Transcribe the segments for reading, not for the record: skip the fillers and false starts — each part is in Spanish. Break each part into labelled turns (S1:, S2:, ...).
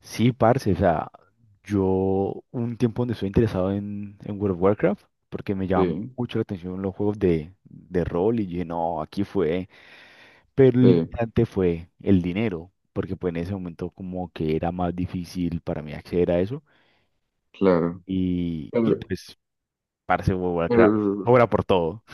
S1: Sí, parce, o sea, yo un tiempo donde estoy interesado en World of Warcraft, porque me llama
S2: Sí,
S1: mucho la atención los juegos de rol, y dije, no, aquí fue, pero el
S2: sí,
S1: limitante fue el dinero, porque pues en ese momento como que era más difícil para mí acceder a eso,
S2: claro.
S1: y
S2: Pero,
S1: pues, parce, World of Warcraft,
S2: pero-
S1: obra por todo.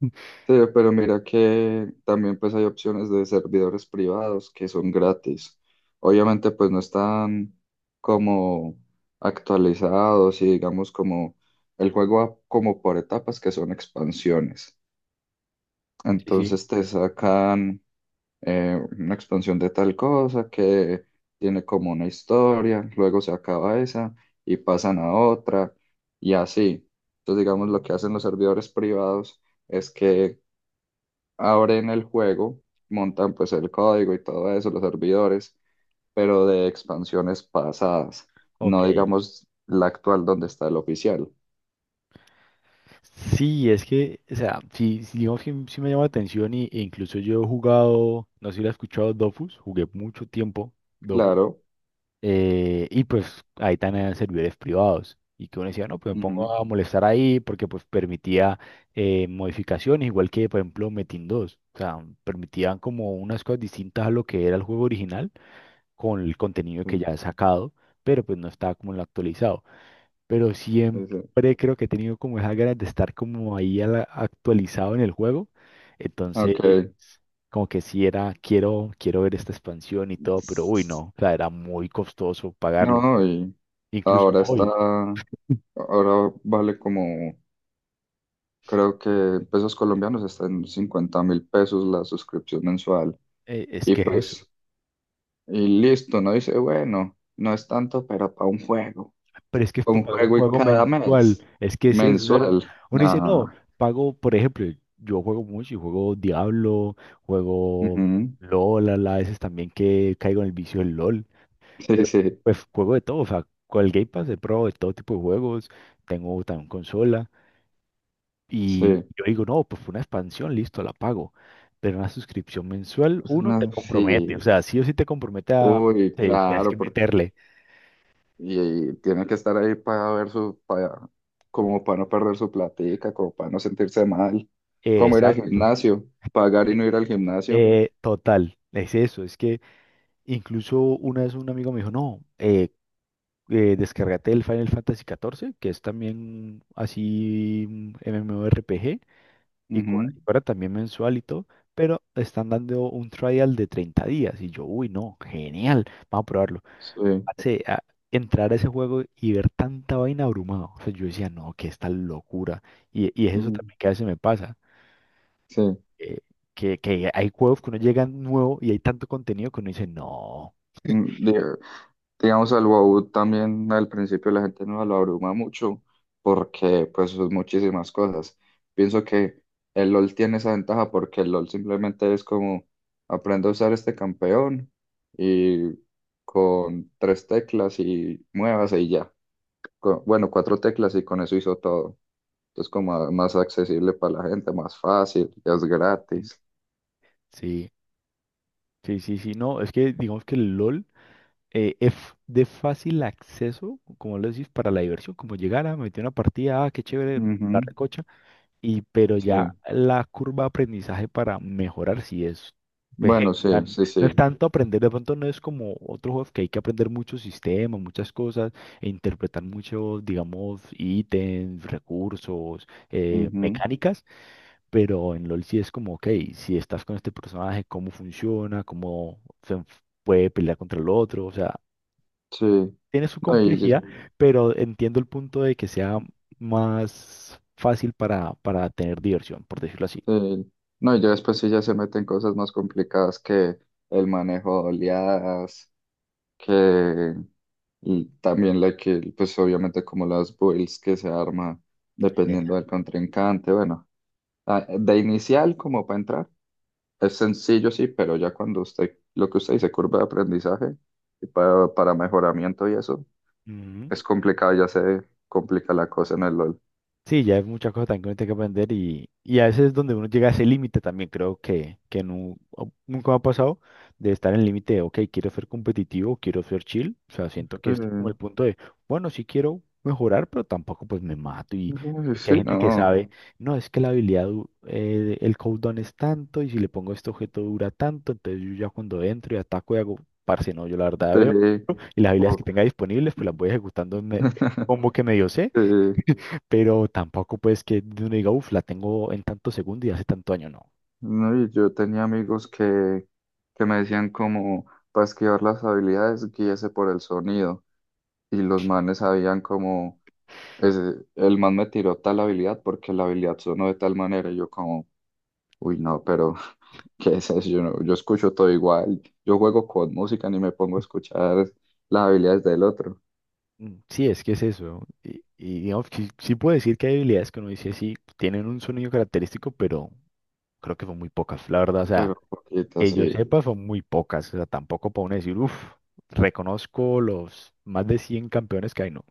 S2: sí, pero mira que también pues hay opciones de servidores privados que son gratis. Obviamente pues no están como actualizados y digamos como el juego va como por etapas que son expansiones.
S1: Sí, sí,
S2: Entonces te sacan una expansión de tal cosa que tiene como una historia, luego se acaba esa y pasan a otra y así. Entonces, digamos, lo que hacen los servidores privados es que abren el juego, montan pues el código y todo eso, los servidores, pero de expansiones pasadas,
S1: ok.
S2: no digamos la actual donde está el oficial.
S1: Sí, es que, o sea, sí, sí, digamos que sí me llama la atención y, e incluso yo he jugado, no sé si lo has escuchado, Dofus, jugué mucho tiempo Dofus,
S2: Claro.
S1: y pues ahí también eran servidores privados, y que uno decía, no, pues me
S2: Ujú,
S1: pongo a molestar ahí porque pues permitía modificaciones, igual que por ejemplo Metin 2, o sea, permitían como unas cosas distintas a lo que era el juego original con el contenido que
S2: sí,
S1: ya he sacado, pero pues no estaba como en lo actualizado, pero
S2: ese,
S1: siempre creo que he tenido como esa ganas de estar como ahí a actualizado en el juego. Entonces,
S2: ok.
S1: como que sí era, quiero, quiero ver esta expansión y todo, pero uy, no,
S2: S-
S1: o sea, era muy costoso pagarlo.
S2: No, y
S1: Incluso
S2: ahora está.
S1: hoy,
S2: Ahora vale como, creo que en pesos colombianos está en 50.000 pesos la suscripción mensual.
S1: es
S2: Y
S1: que es eso.
S2: pues, y listo, no dice, bueno, no es tanto, pero para un juego.
S1: Pero es que es para
S2: Un
S1: pagar un
S2: juego y
S1: juego
S2: cada
S1: mensual,
S2: mes,
S1: es que sí, es eso. O sea,
S2: mensual.
S1: uno dice, no,
S2: Ah,
S1: pago, por ejemplo, yo juego mucho y juego Diablo, juego
S2: ujú.
S1: LOL, a a veces también que caigo en el vicio del LOL.
S2: Sí,
S1: Pero
S2: sí,
S1: pues juego de todo, o sea, con el Game Pass de Pro de todo tipo de juegos, tengo también consola y
S2: sí.
S1: yo digo, no, pues fue una expansión, listo, la pago. Pero una suscripción mensual, uno te compromete, o
S2: Sí.
S1: sea, sí o sí te compromete a,
S2: Uy,
S1: tienes que
S2: claro, porque
S1: meterle.
S2: y tiene que estar ahí para ver su, para, como para no perder su platica, como para no sentirse mal, como ir al
S1: Exacto.
S2: gimnasio, pagar y no
S1: Eh,
S2: ir al gimnasio.
S1: total, es eso, es que incluso una vez un amigo me dijo, no, descárgate el Final Fantasy XIV, que es también así MMORPG
S2: Ujú,
S1: y cobra también mensual y todo, pero están dando un trial de 30 días. Y yo, uy, no, genial, vamos a probarlo.
S2: sí,
S1: Hace, a- entrar a ese juego y ver tanta vaina abrumado. O sea, yo decía, no, que esta locura. Y es eso
S2: mm,
S1: también que a veces me pasa.
S2: sí.
S1: eh, que hay juegos que uno llega nuevo y hay tanto contenido que uno dice, no.
S2: Mm, diga- Digamos, al WoW también al principio la gente no lo abruma mucho porque pues son muchísimas cosas. Pienso que el LoL tiene esa ventaja porque el LoL simplemente es como aprendo a usar este campeón y con tres teclas y muevas y ya. Bueno, cuatro teclas y con eso hizo todo. Entonces más accesible para la gente, más fácil, ya es
S1: Mm.
S2: gratis.
S1: Sí, sí, sí, sí, no. Es que digamos que el LOL es de fácil acceso, como lo decís, para la diversión. Como llegar a meter una partida, ah, qué chévere, la
S2: Ujú,
S1: recocha. Y pero
S2: sí.
S1: ya la curva de aprendizaje para mejorar sí es, pues,
S2: Bueno,
S1: heavy, o sea,
S2: sí, sí,
S1: no es
S2: sí.
S1: tanto aprender, de pronto no es como otro juego que hay que aprender muchos sistemas, muchas cosas, e interpretar muchos, digamos, ítems, recursos,
S2: Ujú,
S1: mecánicas, pero en LOL sí es como, ok, si estás con este personaje, cómo funciona, cómo se puede pelear contra el otro, o sea,
S2: sí.
S1: tiene su
S2: No, y-
S1: complejidad, pero entiendo el punto de que sea más fácil para tener diversión, por decirlo así.
S2: Sí. No, y ya después sí ya se meten cosas más complicadas que el manejo de oleadas, que y también la que, pues obviamente como las builds que se arma
S1: Eh,
S2: dependiendo del contrincante. Bueno, ah, de inicial como para entrar, es sencillo sí, pero ya cuando usted, lo que usted dice, curva de aprendizaje y para mejoramiento y eso,
S1: Ujú.
S2: es complicado, ya se complica la cosa en el LOL.
S1: Sí, ya hay muchas cosas también que uno tiene que aprender y a veces es donde uno llega a ese límite también, creo que nunca me ha pasado de estar en el límite de, ok, quiero ser competitivo, quiero ser chill, o sea, siento que este es como el
S2: Sí,
S1: punto de, bueno, sí quiero mejorar, pero tampoco pues me mato y
S2: sí,
S1: es que hay
S2: sí,
S1: gente que
S2: no,
S1: sabe, no, es que la habilidad, el cooldown es tanto y si le pongo este objeto dura tanto, entonces yo ya cuando entro y ataco y hago, parce, no, yo la verdad veo
S2: sí.
S1: y las habilidades que
S2: o-
S1: tenga disponibles pues las voy ejecutando en en combo que me dio,
S2: Sí.
S1: pero tampoco pues que uno diga, uff, la tengo en tanto segundo y hace tanto año, no.
S2: No. Yo tenía amigos que me decían como, para esquivar las habilidades, guíese por el sonido. Y los manes sabían como, ese, el man me tiró tal habilidad porque la habilidad sonó de tal manera. Y yo como, uy, no, pero ¿qué es eso? Yo, no- Yo escucho todo igual. Yo juego con música, ni me pongo a escuchar las habilidades del otro.
S1: Mm, sí, es que es eso. Y digamos, que sí, sí puedo decir que hay habilidades que uno dice, sí, tienen un sonido característico, pero creo que son muy pocas, la verdad. O sea,
S2: Pero poquito,
S1: que yo
S2: sí.
S1: sepa, son muy pocas. O sea, tampoco puedo decir, uff, reconozco los más de 100 campeones que hay, no.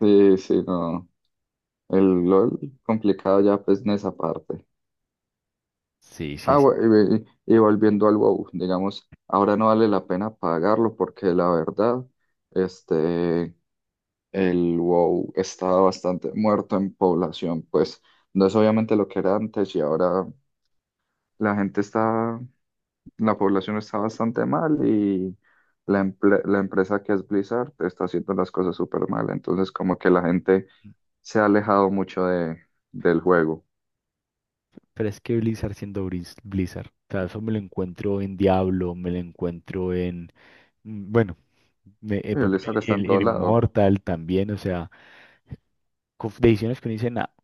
S2: Sí, sí, no. El LOL complicado ya pues en esa parte.
S1: Sí, sí,
S2: Ah,
S1: sí.
S2: bu- y, ve- y volviendo al WoW, digamos, ahora no vale la pena pagarlo porque la verdad, este, el WoW está bastante muerto en población, pues no es obviamente lo que era antes y ahora la gente está, la población está bastante mal y la empresa que es Blizzard está haciendo las cosas súper mal, entonces como que la gente se ha alejado mucho de, del juego.
S1: Pero es que Blizzard siendo Blizzard, o sea, eso me lo encuentro en Diablo, me lo encuentro en, mm, bueno,
S2: Y
S1: por ejemplo,
S2: Blizzard está en todo
S1: en
S2: lado.
S1: Immortal también, o sea, con decisiones que no dicen nada,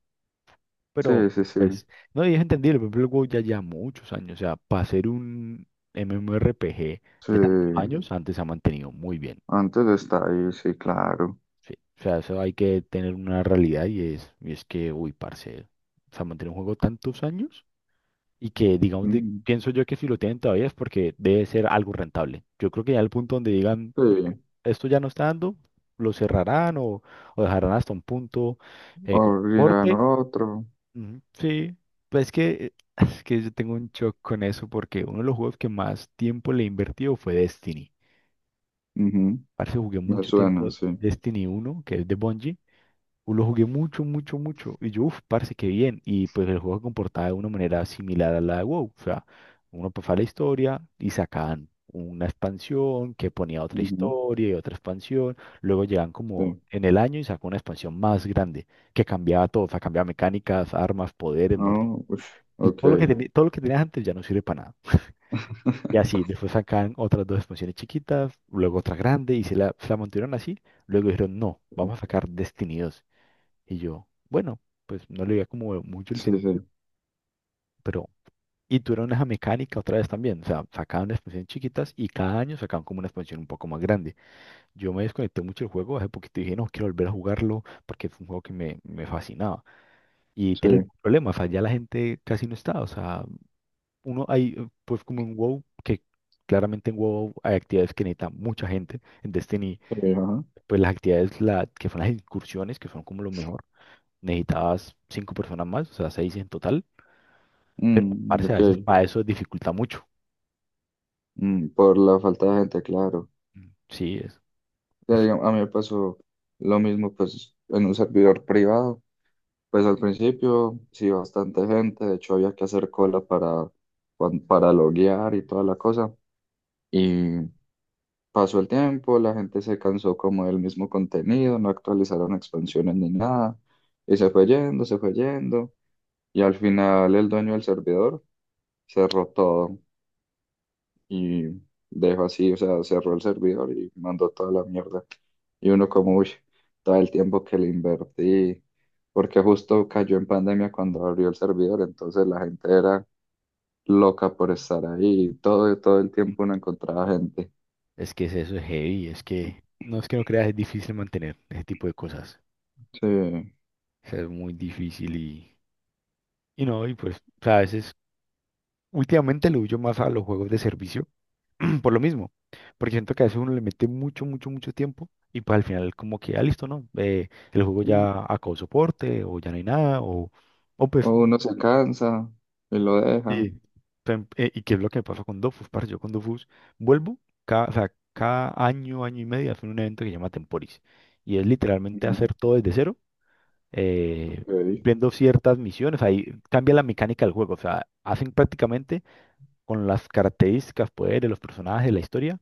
S1: pero
S2: Sí, sí, sí,
S1: pues, no, y es entendible, por ejemplo, el WoW ya lleva muchos años, o sea, para ser un MMORPG de tantos
S2: sí.
S1: años, antes se ha mantenido muy bien,
S2: Antes está ahí, sí, claro.
S1: sí, o sea, eso hay que tener una realidad y es que, uy, parce, se ha mantenido un juego tantos años y que, digamos,
S2: Mm,
S1: pienso yo que si lo tienen todavía es porque debe ser algo rentable. Yo creo que ya el punto donde digan,
S2: sí,
S1: esto ya no está dando, lo cerrarán o dejarán hasta un punto con
S2: abrirán
S1: corte.
S2: otro.
S1: Ujú, sí, pues es que yo tengo un shock con eso porque uno de los juegos que más tiempo le he invertido fue Destiny.
S2: Ujú,
S1: Parece que jugué
S2: me
S1: mucho
S2: suena,
S1: tiempo
S2: sí.
S1: Destiny uno que es de Bungie. Lo jugué mucho, mucho, mucho. Y yo, uff, parce, qué bien. Y pues el juego se comportaba de una manera similar a la de WoW. O sea, uno pasaba la historia y sacaban una expansión que ponía otra
S2: Ujú,
S1: historia y otra expansión. Luego llegaban como
S2: sí.
S1: en el año y sacó una expansión más grande que cambiaba todo. O sea, cambiaba mecánicas, armas, poderes, mejor dicho.
S2: Oh, ush, ok.
S1: Todo lo que todo lo que tenías antes ya no sirve para nada. Y así, después sacaban otras dos expansiones chiquitas, luego otra grande y se la mantuvieron así. Luego dijeron, no, vamos a sacar Destiny y yo, bueno, pues no le veía como mucho el
S2: Sí,
S1: sentido,
S2: sí,
S1: pero... Y tuvieron esa mecánica otra vez también, o sea, sacaban expansiones chiquitas y cada año sacaban como una expansión un poco más grande. Yo me desconecté mucho del juego, hace poquito y dije, no, quiero volver a jugarlo porque fue un juego que me fascinaba. Y
S2: sí,
S1: tiene el problema, o sea, ya la gente casi no está, o sea, uno hay, pues como en WoW, que claramente en WoW hay actividades que necesita mucha gente, en Destiny,
S2: sí, ajá.
S1: pues las actividades que son las incursiones, que son como lo mejor, necesitabas 5 personas más, o sea, 6 en total. Pero,
S2: Mm,
S1: parce, a
S2: ok.
S1: veces para eso dificulta mucho.
S2: Mm, por la falta de gente, claro.
S1: Mm, sí, es,
S2: Ya, digamos, a mí me pasó lo mismo, pues, en un servidor privado. Pues al principio, sí, bastante gente. De hecho, había que hacer cola para, para loguear y toda la cosa. Y pasó el tiempo, la gente se cansó como del mismo contenido, no actualizaron expansiones ni nada, y se fue yendo, y al final el dueño del servidor cerró todo y dejó así, o sea, cerró el servidor y mandó toda la mierda. Y uno como, uy, todo el tiempo que le invertí, porque justo cayó en pandemia cuando abrió el servidor, entonces la gente era loca por estar ahí, todo, todo el tiempo
S1: mm,
S2: uno encontraba gente.
S1: es que es eso, es heavy, es que no creas, es difícil mantener ese tipo de cosas.
S2: Sí.
S1: O sea, es muy difícil y no, y pues, o sea, a veces, últimamente lo huyo más a los juegos de servicio, por lo mismo, porque siento que a veces uno le mete mucho, mucho, mucho tiempo y pues al final como que, ah, listo, ¿no? El juego ya acabó soporte o ya no hay nada o, o
S2: O
S1: pues
S2: uno se cansa y lo deja.
S1: sí, y qué es lo que me pasó con Dofus, parce. Yo con Dofus vuelvo cada, o sea, cada año, año y medio, hacen un evento que se llama Temporis. Y es literalmente
S2: Ujú.
S1: hacer todo desde cero, eh,
S2: Ok,
S1: viendo ciertas misiones. Ahí cambia la mecánica del juego. O sea, hacen prácticamente con las características, poderes, los personajes, la historia,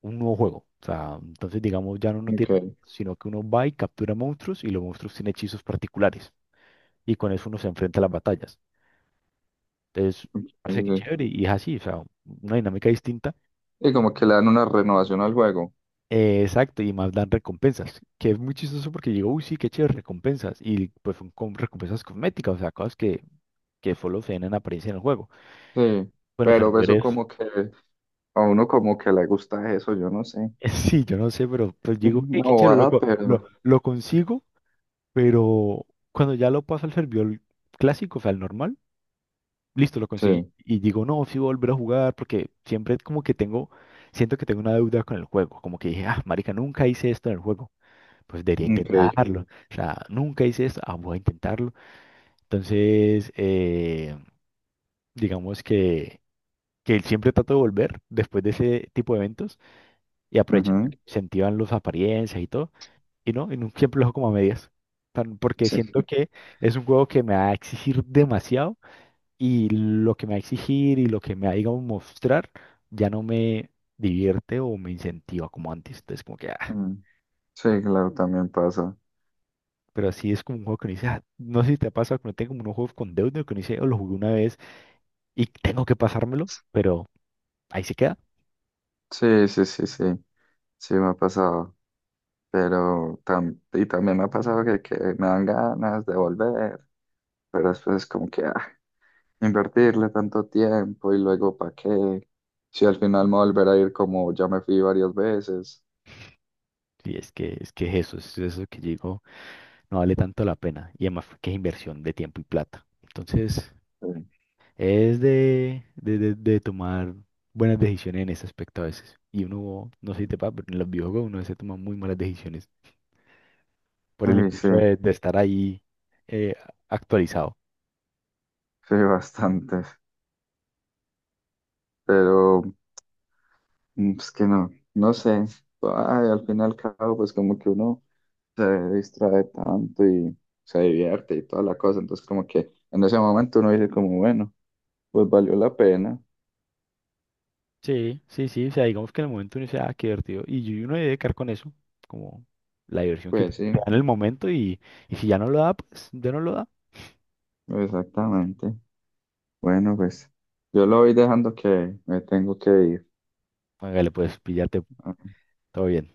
S1: un nuevo juego. O sea, entonces, digamos, ya no uno tiene,
S2: ok,
S1: sino que uno va y captura monstruos y los monstruos tienen hechizos particulares. Y con eso uno se enfrenta a las batallas. Entonces,
S2: sí,
S1: parece que
S2: sí.
S1: chévere y es así, o sea, una dinámica distinta.
S2: Y como que le dan una renovación al juego.
S1: Exacto, y más dan recompensas, que es muy chistoso porque digo uy, sí, qué chévere, recompensas. Y pues son con recompensas cosméticas, o sea, cosas que solo se ven en apariencia en el juego.
S2: Sí,
S1: Pues los
S2: pero eso
S1: servidores,
S2: como que a uno como que le gusta eso, yo no sé.
S1: sí, yo no sé, pero pues
S2: Sí,
S1: digo, "Ey,
S2: una
S1: qué chévere,
S2: bobada,
S1: loco,
S2: pero
S1: lo consigo, pero cuando ya lo paso al servidor clásico, o sea, al normal, listo, lo conseguí.
S2: sí,
S1: Y digo, no, sí, voy a volver a jugar porque siempre como que tengo, siento que tengo una deuda con el juego, como que dije, ah, marica, nunca hice esto en el juego, pues debería
S2: increíble.
S1: intentarlo. O sea, nunca hice esto, ah, voy a intentarlo. Entonces, digamos que siempre trato de volver después de ese tipo de eventos y aprovechar,
S2: Ujú,
S1: que incentivan las apariencias y todo, y no siempre lo dejo como a medias. Porque
S2: sí,
S1: siento que es un juego que me va a exigir demasiado y lo que me va a exigir y lo que me va a, digamos, mostrar ya no me divierte o me incentiva como antes. Entonces, como que, ah,
S2: mm, sí, claro, también pasa.
S1: pero sí es como un juego que uno dice, "Ah", no sé si te ha pasado que no tengo como unos juegos con deuda, que uno dice, oh, lo jugué una vez y tengo que pasármelo, pero ahí se queda.
S2: Sí, sí, sí, sí, sí me ha pasado. Pero también me ha pasado que me dan ganas de volver, pero después es como que, ah, invertirle tanto tiempo y luego para qué, si al final me volverá a ir como ya me fui varias veces.
S1: Sí, es que, es que es eso que yo digo, no vale tanto la pena. Y además que es inversión de tiempo y plata. Entonces,
S2: Sí,
S1: es de tomar buenas decisiones en ese aspecto a veces. Y uno, no sé si te pasa, pero en los videojuegos uno se toma muy malas decisiones por el
S2: uy, sí,
S1: impulso de estar ahí eh, actualizado.
S2: sí, bastante, pero mm, es que no, no sé, ay, al final y al cabo, pues como que uno se distrae tanto y se divierte y toda la cosa, entonces como que en ese momento uno dice como, bueno, pues valió la pena,
S1: Sí, sí, sí, o sea, digamos que en el momento uno dice, ah, qué divertido, y uno debe quedar con eso, como la diversión que te
S2: pues
S1: te
S2: sí,
S1: da en el momento, y si ya no lo da, pues ya no lo da,
S2: exactamente, bueno, pues yo lo voy dejando que me tengo que ir.
S1: hágale, pues, píllate, todo bien.